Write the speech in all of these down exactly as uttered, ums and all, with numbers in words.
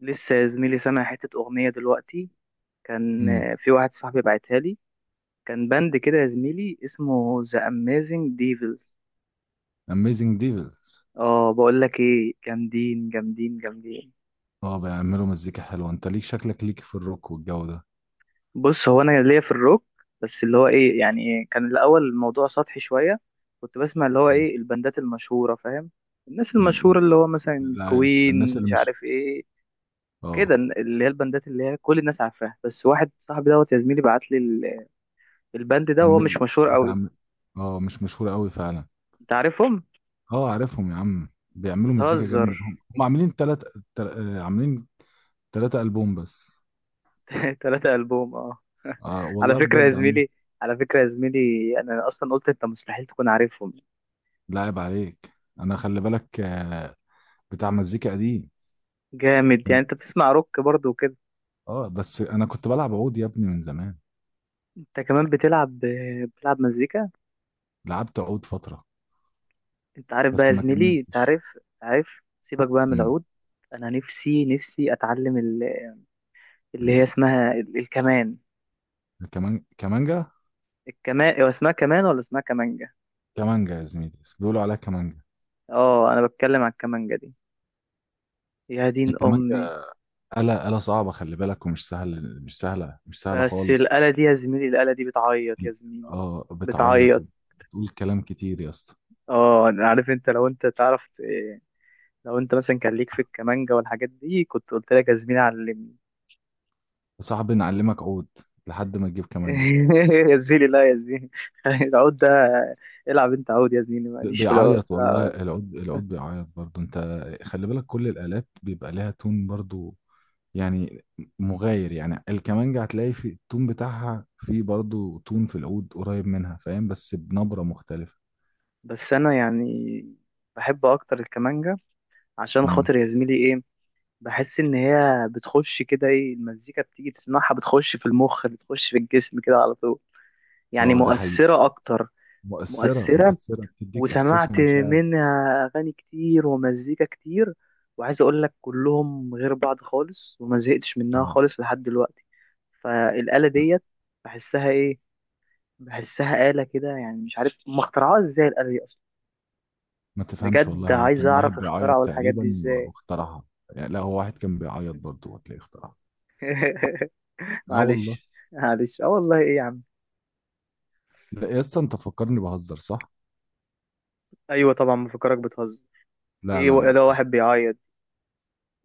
لسه يا زميلي سامع حتة أغنية دلوقتي؟ كان امم آه، في واحد صاحبي بعتها لي. كان باند كده يا زميلي اسمه The Amazing Devils. اميزنج ديفلز. اه، بقول لك ايه، جامدين جامدين جامدين. اه، بيعملوا مزيكا حلوه، انت ليك شكلك ليك في الروك والجو ده. بص، هو انا ليا في الروك. بس اللي هو ايه يعني إيه، كان الاول الموضوع سطحي شوية. كنت بسمع اللي هو مم. ايه البندات المشهورة، فاهم؟ الناس المشهورة مم. اللي هو مثلا لا يا اسطى، الناس كوين اللي مش مش عارف ايه، كده اه اللي هي البندات اللي هي كل الناس عارفاها. بس واحد صاحبي دوت يا زميلي بعت لي الباند ده، وهو أم... مش مشهور قوي. بتعمل. اه، مش مشهورة قوي فعلا. انت عارفهم؟ اه عارفهم يا عم، بيعملوا مزيكا بتهزر؟ جامدة. هم هم عاملين تلات تل... آه، عاملين تلاتة ألبوم بس. تلاتة ألبوم، اه. آه على والله فكرة يا بجد عم، زميلي، على فكرة يا زميلي، أنا أصلا قلت أنت مستحيل تكون عارفهم. لاعب عليك. أنا خلي بالك، آه بتاع مزيكا قديم. جامد، يعني أنت بتسمع روك برضه وكده. اه، بس أنا كنت بلعب عود يا ابني من زمان. أنت كمان بتلعب بتلعب مزيكا. لعبت عود فترة أنت عارف بقى بس يا ما زميلي، أنت كملتش. عارف. عارف. سيبك بقى من امم العود. أنا نفسي نفسي أتعلم ال- اللي هي اسمها ال- الكمان. الكمان كمانجا. الكمان هو اسمها كمان ولا اسمها كمانجة؟ كمانجا يا زميلي، بيقولوا عليها كمانجا. اه، أنا بتكلم على الكمانجة دي. يا دين أمي. الكمانجا آلة آلة صعبة خلي بالك، ومش سهل، مش سهلة مش سهلة بس خالص. الآلة دي يا زميلي، الآلة دي بتعيط يا زميلي. اه، بتعيط بتعيط. وبتقول كلام كتير يا اسطى. اه، أنا عارف انت، لو انت تعرف إيه، لو انت مثلا كان ليك في الكمانجا والحاجات دي كنت قلت لك يا زميلي علمني. صعب نعلمك عود لحد ما تجيب كمانجا. يا زميلي لا يا زميلي. العود ده، العب انت عود يا زميلي، ب- ماليش في العود، بيعيط والله، لا. العود العود بيعيط برضه. انت خلي بالك، كل الآلات بيبقى لها تون برضه، يعني مغاير. يعني الكمانجا هتلاقي في التون بتاعها، في برضه تون في العود قريب منها، فاهم، بس بنبرة مختلفة. بس انا يعني بحب اكتر الكمانجا، عشان امم خاطر يا زميلي ايه، بحس ان هي بتخش كده ايه، المزيكا بتيجي تسمعها بتخش في المخ، بتخش في الجسم كده على طول. يعني اه ده حقيقي. مؤثرة اكتر. مؤثرة، مؤثرة. مؤثرة بتديك إحساس وسمعت ومشاعر. منها اغاني كتير ومزيكا كتير. وعايز اقول لك كلهم غير بعض خالص، وما زهقتش منها اه، خالص لحد دلوقتي. فالآلة ديت بحسها ايه، بحسها آلة كده يعني، مش عارف هم اخترعوها ازاي الآلة دي اصلا. ما تفهمش والله، بجد هو عايز كان واحد اعرف بيعيط اخترعوا الحاجات دي تقريبا و- ازاي. واخترعها. يعني لا، هو واحد كان بيعيط برضه وتلاقيه اخترعها. اه والله. معلش معلش، اه والله، ايه يا عم. لا يا اسطى، انت فكرني بهزر صح؟ ايوه طبعا مفكرك بتهزر. لا ايه، لا و- ده لا واحد بيعيط؟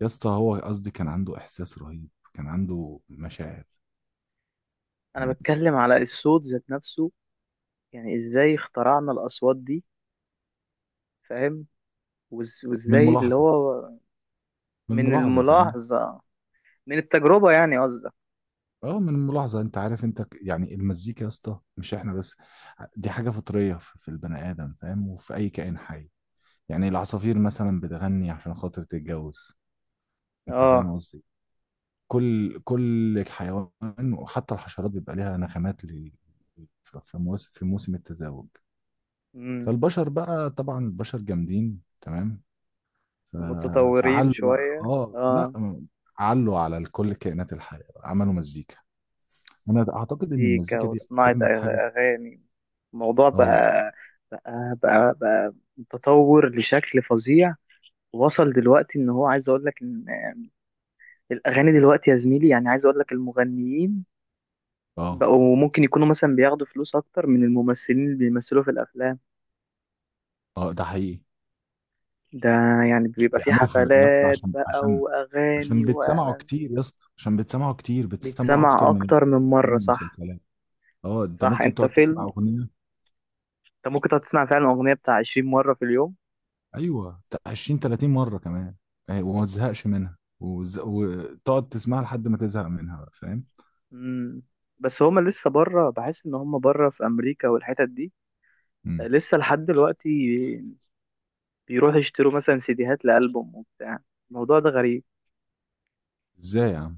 يا اسطى، هو قصدي كان عنده إحساس رهيب، كان عنده مشاعر. انا يعني بتكلم على الصوت ذات نفسه. يعني ازاي اخترعنا الاصوات دي؟ فاهم؟ وإز- من وازاي اللي الملاحظة هو من من الملاحظة فاهم؟ الملاحظة؟ من التجربة يعني قصدك. اه، من الملاحظة. انت عارف، انت ك- يعني المزيكا يا اسطى مش احنا بس، دي حاجة فطرية في في البني آدم، فاهم، وفي أي كائن حي. يعني العصافير مثلا بتغني عشان خاطر تتجوز. انت فاهم اه. قصدي، كل كل حيوان وحتى الحشرات بيبقى ليها نغمات ل- في في موس- في موسم التزاوج. امم. فالبشر بقى، طبعا البشر جامدين تمام. ف- متطورين فعلوا بقى، شوية، اه لا، اه. علوا على كل كائنات الحياة، عملوا مزيكا. انا اعتقد ان مزيكا المزيكا دي وصناعة أغ- اجمد حاجة. أغاني. الموضوع اه، بقى، بقى بقى, بقى متطور لشكل فظيع. وصل دلوقتي ان هو عايز اقول لك ان الاغاني دلوقتي يا زميلي، يعني عايز اقول لك المغنيين اه، بقوا ممكن يكونوا مثلا بياخدوا فلوس اكتر من الممثلين اللي بيمثلوا في الافلام. اه، ده حقيقي. ده يعني بيبقى في بيعملوا في يس، حفلات عشان بقى، عشان عشان واغاني، بتسمعوا واعلانات. كتير يا اسطى، عشان بتسمعوا كتير بتسمعوا اكتر بيتسمع من ال- اكتر من من مره، صح. المسلسلات. اه، انت صح، ممكن انت تقعد تسمع فيلم، اغنيه. انت ممكن تقعد تسمع فعلا اغنيه بتاع عشرين مره في اليوم. ايوه، تا- عشرين تلاتين مره كمان. آه، وما تزهقش منها وز... وتقعد تسمعها لحد ما تزهق منها بقى، فاهم. امم. بس هما لسه بره، بحس ان هما بره في امريكا والحتت دي، مم. لسه لحد دلوقتي بيروحوا يشتروا مثلا سيديهات لألبوم وبتاع. الموضوع ده غريب. ازاي يا عم؟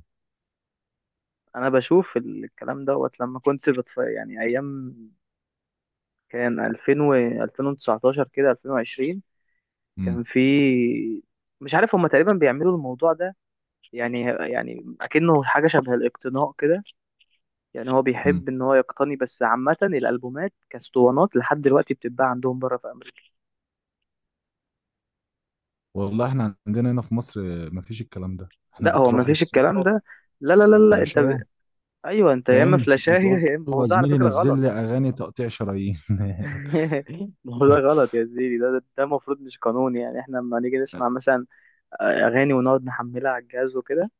انا بشوف الكلام دوت لما كنت بتف... يعني ايام، كان ألفين و ألفين وتسعة عشر كده ألفين وعشرين، مم. كان في، مش عارف هما تقريبا بيعملوا الموضوع ده، يعني، يعني اكنه حاجه شبه الاقتناء كده، يعني هو مم. بيحب ان هو يقتني. بس عامة الالبومات كاسطوانات لحد دلوقتي بتتباع عندهم بره في امريكا. والله احنا عندنا هنا في مصر، آه، مفيش الكلام ده، احنا لا هو بتروح ما فيش الكلام للسايبر، ده، لا لا لا لا، انت ب... الفلاشية، ايوه، انت يا اما فاهم، فلاشايه. وتقول يا اما، ما له هو يا ده على زميلي فكرة نزل غلط. لي اغاني تقطيع شرايين. ما هو ده غلط يا زيدي، ده ده ده المفروض، مش قانون يعني، احنا لما نيجي نسمع مثلا اغاني ونقعد نحملها على الجهاز وكده،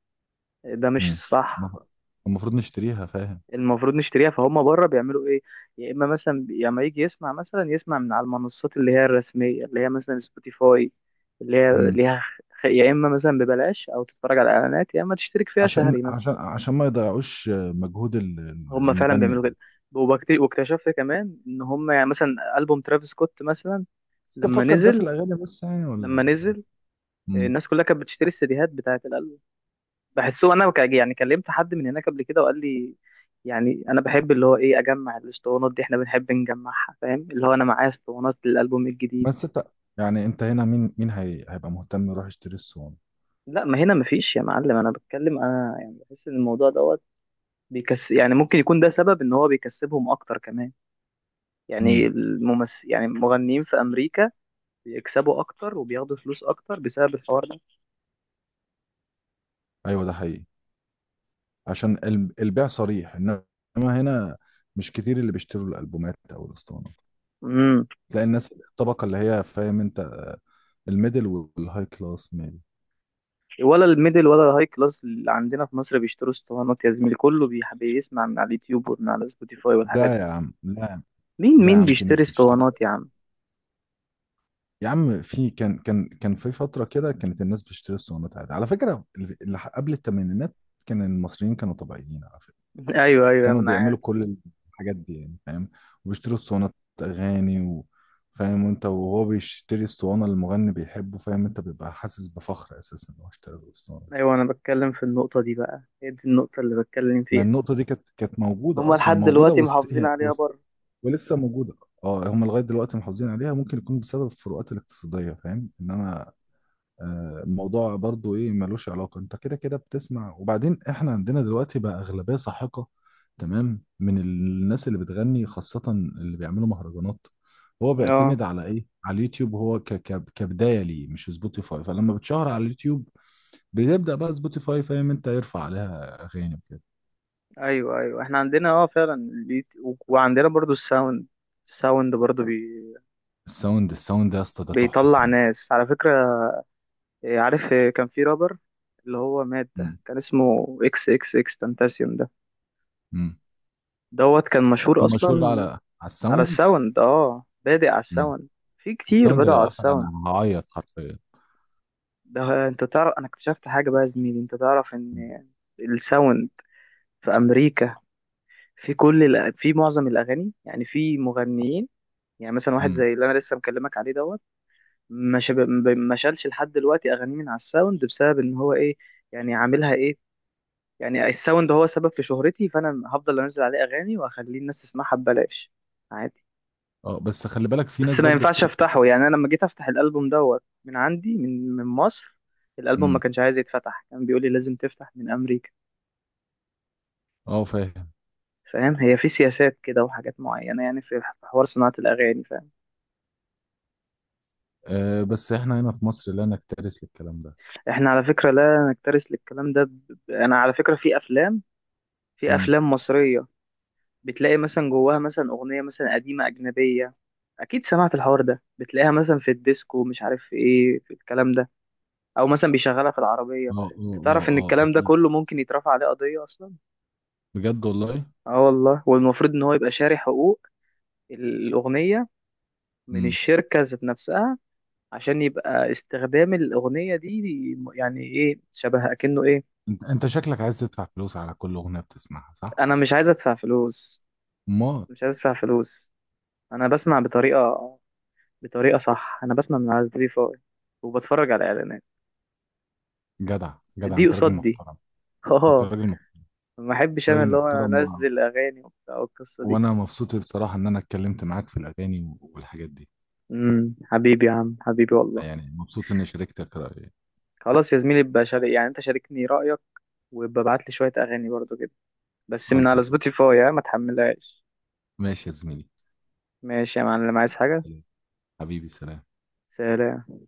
ده مش مم. صح. المفروض نشتريها، فاهم، المفروض نشتريها، فهم بره بيعملوا ايه، يا اما مثلا، يا اما يجي يسمع مثلا، يسمع من على المنصات اللي هي الرسميه، اللي هي مثلا سبوتيفاي، اللي هي ليها خ- يا اما مثلا ببلاش او تتفرج على اعلانات، يا اما تشترك فيها عشان شهري مثلا. عشان عشان ما يضيعوش مجهود ال- ال- هم فعلا المغني بيعملوا يعني. كده. وبكت- واكتشفت كمان ان هم يعني، مثلا البوم ترافيس سكوت مثلا، بس لما تفكر ده في نزل الاغاني بس يعني، لما ولا؟ نزل امم الناس كلها كانت بتشتري السيديهات بتاعه الالبوم. بحسه انا، ك- يعني كلمت حد من هناك قبل كده وقال لي يعني انا بحب اللي هو ايه اجمع الاسطوانات دي، احنا بنحب نجمعها، فاهم؟ اللي هو انا معايا اسطوانات للالبوم الجديد. بس انت يعني، انت هنا، مين مين هي... هيبقى مهتم يروح يشتري الصوان؟ لا، ما هنا مفيش يا معلم. انا بتكلم، انا يعني بحس ان الموضوع دوت بيكس، يعني ممكن يكون ده سبب ان هو بيكسبهم اكتر كمان. يعني امم الممثل، يعني المغنيين في امريكا بيكسبوا اكتر وبياخدوا فلوس اكتر بسبب الحوار ده. ايوه ده حقيقي. عشان ال- البيع صريح، انما هنا مش كتير اللي بيشتروا الالبومات او الاسطوانه. امم. تلاقي الناس، الطبقه اللي هي، فاهم انت، الميدل والهاي كلاس ميبي. ولا الميدل ولا الهاي كلاس اللي عندنا في مصر بيشتروا اسطوانات يا زميلي، كله بيح- بيسمع من على اليوتيوب ومن على سبوتيفاي والحاجات لا يا دي. عم، لا. مين لا يا مين عم، في بيشتري ناس بتشتري. اسطوانات يا عم؟ يا عم في كان كان كان في فترة كده كانت الناس بتشتري الصوانات عادي على فكرة، اللي قبل الثمانينات. كان المصريين كانوا طبيعيين على فكرة، ايوه ايوه، كانوا انا عارف. بيعملوا كل الحاجات دي يعني، فاهم، وبيشتروا الصوانات أغاني و... فاهم. وانت وهو بيشتري الصوانة اللي المغني بيحبه، فاهم انت، بيبقى حاسس بفخر أساسا إن هو اشترى له الصوانة. ايوه، انا بتكلم في النقطه دي بقى، هي دي النقطه اللي بتكلم ما فيها. النقطة دي كانت كانت موجودة هما أصلا، لحد موجودة دلوقتي وست... محافظين هي- عليها وست... بره. ولسه موجودة. اه، هم لغاية دلوقتي محافظين عليها، ممكن يكون بسبب الفروقات الاقتصادية، فاهم، انما آه، الموضوع برضو ايه ملوش علاقة. انت كده كده بتسمع. وبعدين احنا عندنا دلوقتي بقى اغلبية ساحقة تمام من الناس اللي بتغني، خاصة اللي بيعملوا مهرجانات. هو اه. بيعتمد على ايه؟ على اليوتيوب. هو ك ك كبداية ليه مش سبوتيفاي. فلما بتشهر على اليوتيوب بيبدأ بقى سبوتيفاي، فاهم انت، يرفع عليها اغاني وكده. ايوه ايوه، احنا عندنا اه فعلا البيت و- وعندنا برضو الساوند. الساوند برضو بي... الساوند الساوند ده يا اسطى ده تحفة بيطلع فنية. ناس على فكره. إيه، عارف إيه، كان في رابر اللي هو مات ده، امم كان اسمه اكس اكس اكس تنتاسيوم ده، امم دوت كان مشهور كان اصلا. مشهور على على على الساوند. الساوند، اه، بادئ على امم الساوند. في كتير الساوند بدأوا على لو قفل الساوند. انا هعيط حرفيا. ده انت تعرف، انا اكتشفت حاجه بقى يا زميلي، انت تعرف ان الساوند في امريكا في كل الأ- في معظم الاغاني، يعني في مغنيين، يعني مثلا واحد امم زي اللي انا لسه مكلمك عليه دوت، ما شب... ما شالش لحد دلوقتي اغانيه من على الساوند بسبب ان هو ايه، يعني عاملها ايه، يعني الساوند هو سبب في شهرتي، فانا هفضل انزل عليه اغاني واخليه الناس تسمعها ببلاش، عادي. اه، بس خلي بالك، في بس ناس ما برضو ينفعش بت افتحه. يعني انا لما جيت افتح الالبوم دوت من عندي، من من مصر، الالبوم ما امم كانش عايز يتفتح، كان بيقول لي لازم تفتح من امريكا. اه، فاهم. فاهم؟ هي في سياسات كده وحاجات معينة يعني، في في حوار صناعة الأغاني، فاهم؟ آه، بس احنا هنا في مصر لا نكترث للكلام ده. احنا على فكرة لا نكترث للكلام ده، ب... ب- أنا على فكرة، في أفلام، في امم أفلام مصرية، بتلاقي مثلا جواها مثلا أغنية مثلا قديمة أجنبية، أكيد سمعت الحوار ده، بتلاقيها مثلا في الديسكو مش عارف في إيه، في الكلام ده، أو مثلا بيشغلها في العربية. اه، أنت اه، اه، تعرف إن اه، الكلام ده اكيد. كله ممكن يترفع عليه قضية أصلا؟ بجد والله. أه والله. والمفروض إن هو يبقى شاري حقوق الأغنية من امم الشركة ذات نفسها، عشان يبقى استخدام الأغنية دي يعني إيه، شبه أكنه إيه. انت، انت شكلك عايز تدفع فلوس على كل اغنيه بتسمعها، صح؟ أنا مش عايز أدفع فلوس، امال. مش عايز أدفع فلوس. أنا بسمع بطريقة، بطريقة صح. أنا بسمع من على سبوتيفاي وبتفرج على إعلانات، جدع جدع، دي انت راجل قصاد دي. محترم. انت آه. راجل محترم. ما أحبش انت أنا راجل اللي هو محترم و... أنزل أغاني وبتاع والقصة دي. وانا مبسوط بصراحه ان انا اتكلمت معاك في الاغاني والحاجات دي. امم حبيبي يا عم، حبيبي والله. يعني مبسوط اني شاركتك رايي. خلاص يا زميلي بقى شارك، يعني أنت شاركني رأيك، وببعت لي شوية أغاني برضو كده. بس من خالصه على صح. سبوتيفاي، ها، ما تحملهاش. ماشي يا زميلي. ماشي يا معلم، عايز حاجة؟ حبيبي سلام. سلام.